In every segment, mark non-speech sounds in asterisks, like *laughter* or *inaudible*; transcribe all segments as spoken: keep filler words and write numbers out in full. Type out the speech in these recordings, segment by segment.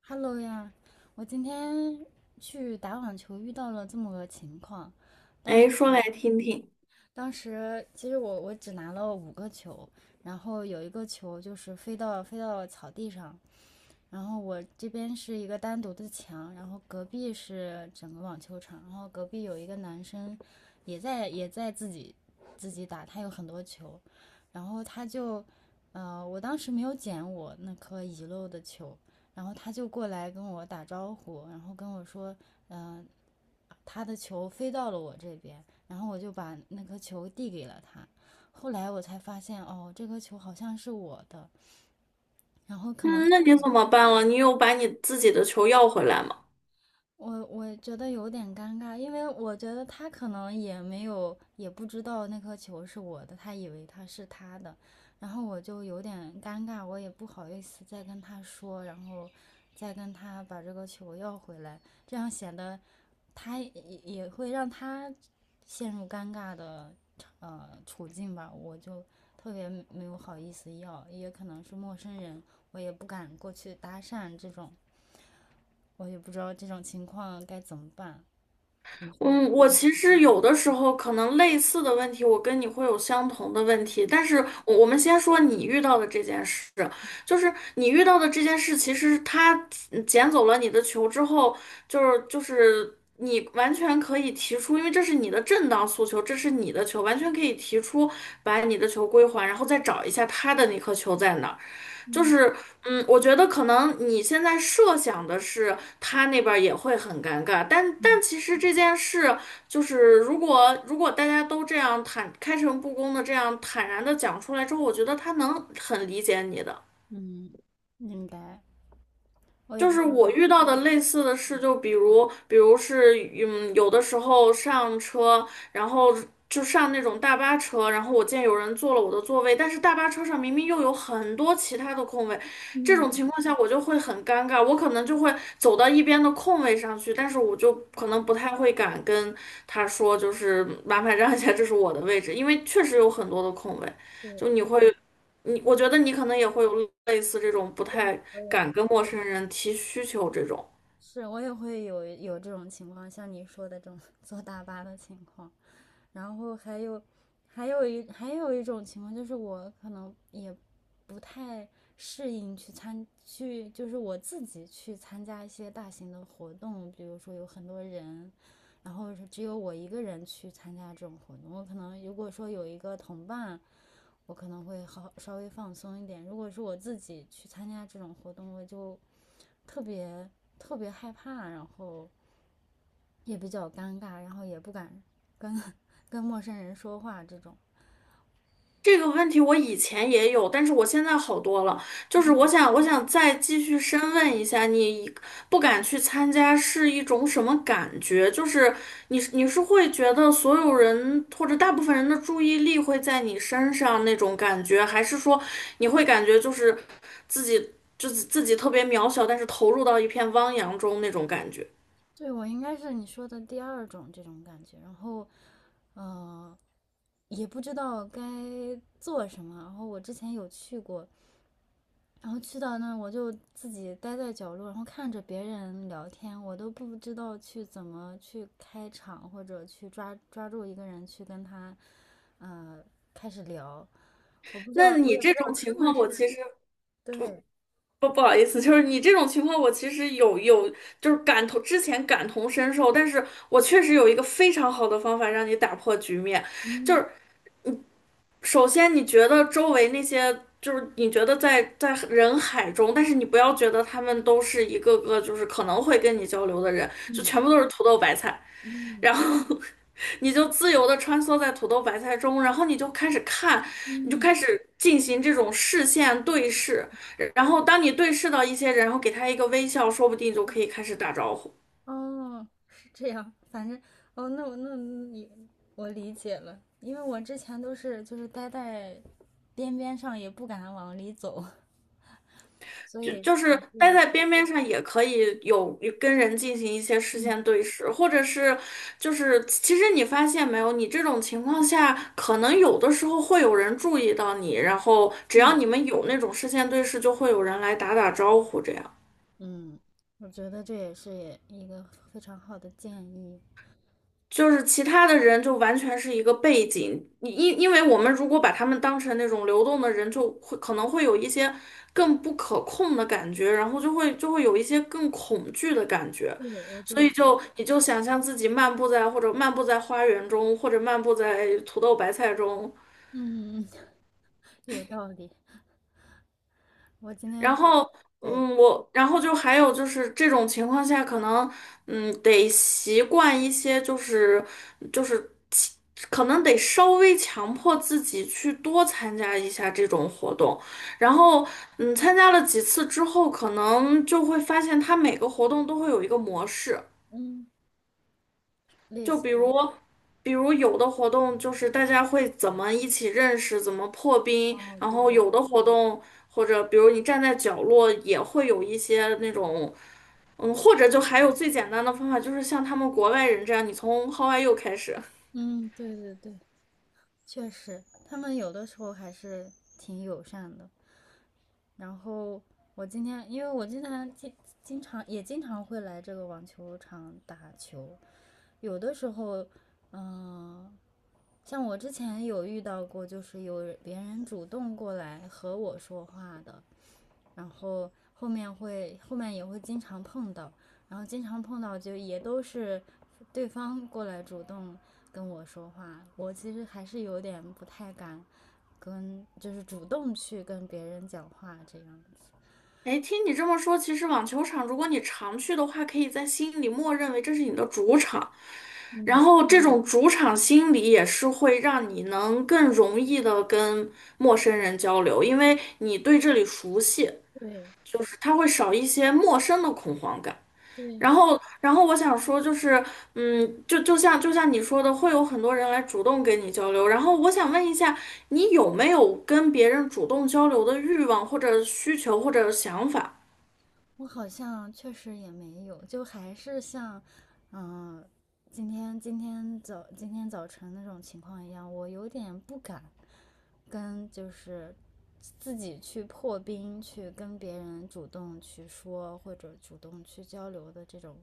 Hello 呀，我今天去打网球遇到了这么个情况。当时哎，说来听听。当时其实我我只拿了五个球，然后有一个球就是飞到飞到草地上，然后我这边是一个单独的墙，然后隔壁是整个网球场，然后隔壁有一个男生也在也在自己自己打，他有很多球，然后他就，呃，我当时没有捡我那颗遗漏的球，然后他就过来跟我打招呼，然后跟我说，嗯、呃他的球飞到了我这边，然后我就把那颗球递给了他。后来我才发现，哦，这颗球好像是我的，然后可能嗯，那你怎么办了？你有把你自己的球要回来吗？我我觉得有点尴尬，因为我觉得他可能也没有，也不知道那颗球是我的，他以为他是他的，然后我就有点尴尬，我也不好意思再跟他说，然后再跟他把这个球要回来，这样显得他也也会让他陷入尴尬的呃处境吧，我就特别没有好意思要，也可能是陌生人，我也不敢过去搭讪这种，我也不知道这种情况该怎么办。嗯，我其实有的时候可能类似的问题，我跟你会有相同的问题，但是我我们先说你遇到的这件事，就是你遇到的这件事，其实他嗯捡走了你的球之后，就是就是你完全可以提出，因为这是你的正当诉求，这是你的球，完全可以提出把你的球归还，然后再找一下他的那颗球在哪儿。就是，嗯，我觉得可能你现在设想的是他那边儿也会很尴尬，但但其实这件事就是，如果如果大家都这样坦开诚布公的这样坦然的讲出来之后，我觉得他能很理解你的。嗯，应该，我也就不是知道。我遇到的类似的事，就比如，比如是，嗯，有的时候上车，然后就上那种大巴车，然后我见有人坐了我的座位，但是大巴车上明明又有很多其他的空位，这种情况下我就会很尴尬，我可能就会走到一边的空位上去，但是我就可能不太会敢跟他说，就是麻烦让一下，这是我的位置，因为确实有很多的空位，就你会。你我觉得你可能也会有类似这种不太敢跟陌生人提需求这种。是我也会有有这种情况，像你说的这种 *laughs* 坐大巴的情况，然后还有还有一还有一种情况就是我可能也不太适应去参去，就是我自己去参加一些大型的活动，比如说有很多人，然后是只有我一个人去参加这种活动，我可能如果说有一个同伴。我可能会好稍微放松一点。如果是我自己去参加这种活动，我就特别特别害怕，然后也比较尴尬，然后也不敢 *laughs* 跟跟陌生人说话这种。这个问题我以前也有，但是我现在好多了。就是我想，我想再继续深问一下，你不敢去参加是一种什么感觉？就是你是你是会觉得所有人或者大部分人的注意力会在你身上那种感觉，还是说你会感觉就是自己就是自己特别渺小，但是投入到一片汪洋中那种感觉？对，我应该是你说的第二种这种感觉，然后呃也不知道该做什么。然后我之前有去过，然后去到那我就自己待在角落，然后看着别人聊天，我都不知道去怎么去开场或者去抓抓住一个人去跟他呃开始聊。我不知道，那我你也不这知道种情他们况，是。我其实对，不不好意思，就是你这种情况，我其实有有就是感同之前感同身受，但是我确实有一个非常好的方法让你打破局面，就是首先你觉得周围那些。就是你觉得在在人海中，但是你不要觉得他们都是一个个就是可能会跟你交流的人，就全部都是土豆白菜。嗯然后 *laughs* 你就自由的穿梭在土豆白菜中，然后你就开始看，你就嗯，开始进行这种视线对视，然后当你对视到一些人，然后给他一个微笑，说不定就可以开始打招呼。哦，是这样，反正哦，那我那你我理解了，因为我之前都是就是待在边边上，也不敢往里走，*laughs* 所就以就可是能这待样。在边边上也可以有有跟人进行一些视嗯线对视，或者是就是其实你发现没有，你这种情况下，可能有的时候会有人注意到你，然后只嗯要你们有那种视线对视，就会有人来打打招呼这样。嗯，我觉得这也是一个非常好的建议。就是其他的人就完全是一个背景，你因因为我们如果把他们当成那种流动的人，就会可能会有一些更不可控的感觉，然后就会就会有一些更恐惧的感觉，对，我所就以是就你就想象自己漫步在或者漫步在花园中，或者漫步在土豆白菜中，嗯，*laughs* 有道理。我今然天。后，对，嗯，我，然后就还有就是这种情况下，可能，嗯，得习惯一些，就是就是其可能得稍微强迫自己去多参加一下这种活动。然后，嗯，参加了几次之后，可能就会发现他每个活动都会有一个模式。嗯，类就似。比如，比如有的活动就是大家会怎么一起认识，怎么破冰，哦，然对，后有的活动或者比如你站在角落也会有一些那种，嗯，或者就还有最简单的方法，就是像他们国外人这样，你从 How are you 开始。嗯，对对对，确实，他们有的时候还是挺友善的。然后我今天，因为我经常经经常也经常会来这个网球场打球，有的时候，嗯，像我之前有遇到过，就是有别人主动过来和我说话的，然后后面会后面也会经常碰到，然后经常碰到就也都是对方过来主动跟我说话，我其实还是有点不太敢跟，就是主动去跟别人讲话这样。哎，听你这么说，其实网球场如果你常去的话，可以在心里默认为这是你的主场，然嗯。后这种主场心理也是会让你能更容易的跟陌生人交流，因为你对这里熟悉，对就是他会少一些陌生的恐慌感。对，然后，然后我想说，就是，嗯，就就像就像你说的，会有很多人来主动跟你交流。然后我想问一下，你有没有跟别人主动交流的欲望或者需求或者想法？我好像确实也没有，就还是像，嗯、今天今天早今天早晨那种情况一样，我有点不敢跟就是自己去破冰，去跟别人主动去说或者主动去交流的这种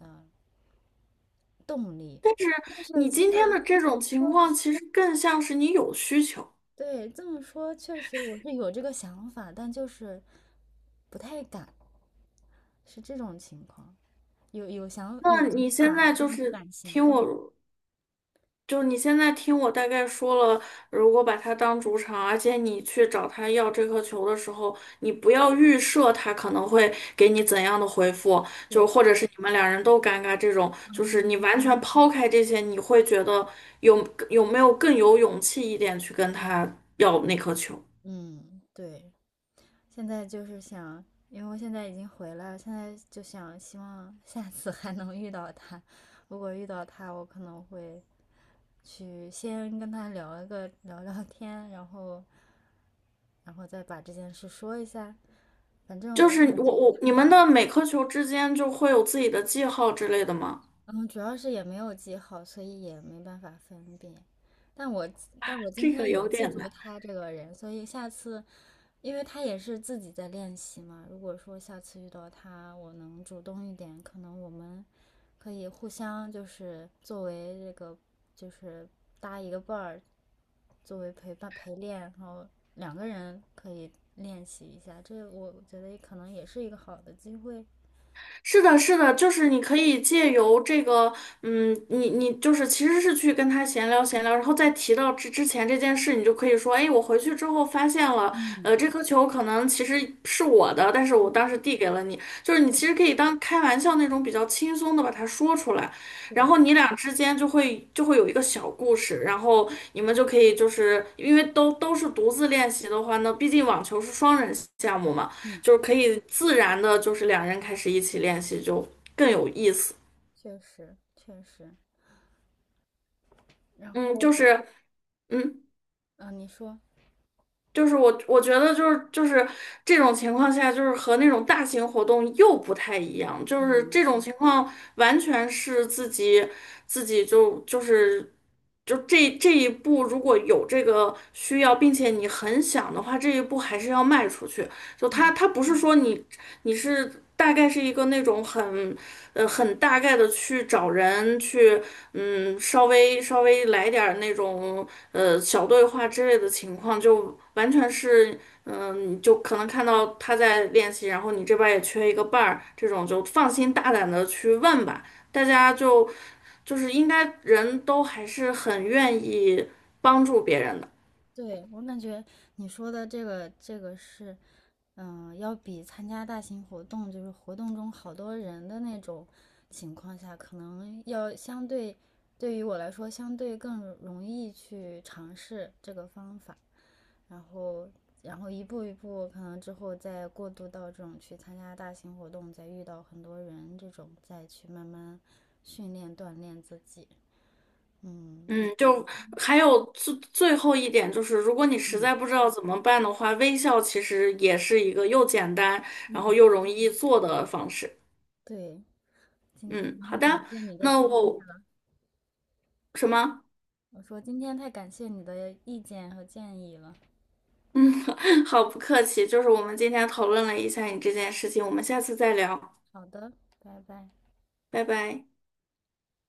嗯、动力。是。但是你其今呃，天的这这么种情说。况，其实更像是你有需求。对，这么说，确实我是有这个想法，但就是不太敢，是这种情况。有有想有那你想现法，在就但不是敢行听动。我，就你现在听我大概说了，如果把它当主场，而且你去找他要这颗球的时候，你不要预设他可能会给你怎样的回复，就对，或者是你们两人都尴尬这种，就是你完全抛开这些，你会觉得有有没有更有勇气一点去跟他要那颗球？嗯，对。现在就是想，因为我现在已经回来了，现在就想希望下次还能遇到他。如果遇到他，我可能会去先跟他聊一个聊聊天，然后然后再把这件事说一下。反正就我。是我我你们的每颗球之间就会有自己的记号之类的吗？嗯，主要是也没有记好，所以也没办法分辨。但我但我今这天个有有记点住难。他这个人，所以下次，因为他也是自己在练习嘛。如果说下次遇到他，我能主动一点，可能我们可以互相就是作为这个就是搭一个伴儿，作为陪伴陪练，然后两个人可以练习一下。这我觉得可能也是一个好的机会，是的，是的，就是你可以借由这个，嗯，你你就是其实是去跟他闲聊闲聊，然后再提到之之前这件事，你就可以说，哎，我回去之后发现了，呃，这颗球可能其实是我的，但是我当时递给了你，就是你其实可以当开玩笑那种比较轻松的把它说出来，然后你俩之间就会就会有一个小故事，然后你们就可以就是因为都都是独自练习的话呢，毕竟网球是双人项目嘛。就是可以自然的，就是两人开始一起练习就更有意思。确实确实。然嗯，后，就是，嗯，嗯，你说。就是我我觉得就是就是这种情况下，就是和那种大型活动又不太一样，就是这种情况完全是自己自己就就是就这这一步，如果有这个需要，并且你很想的话，这一步还是要迈出去。就他他不是说你你是大概是一个那种很。呃，很大概的去找人去，嗯，稍微稍微来点儿那种呃小对话之类的情况，就完全是，嗯，就可能看到他在练习，然后你这边儿也缺一个伴儿，这种就放心大胆的去问吧，大家就就是应该人都还是很愿意帮助别人的。对，我感觉你说的这个这个是，嗯，要比参加大型活动，就是活动中好多人的那种情况下，可能要相对，对于我来说，相对更容易去尝试这个方法，然后然后一步一步，可能之后再过渡到这种去参加大型活动，再遇到很多人这种，再去慢慢训练锻炼自己。嗯，嗯，就还有最最后一点就是，如果你实在不知道怎么办的话，微笑其实也是一个又简单，然后又容易做的方式。对，今天嗯，好那的，感谢你的那建议。我什么？我说今天太感谢你的意见和建议了。嗯，*laughs* 好，不客气，就是我们今天讨论了一下你这件事情，我们下次再聊，好的，拜拜。拜拜。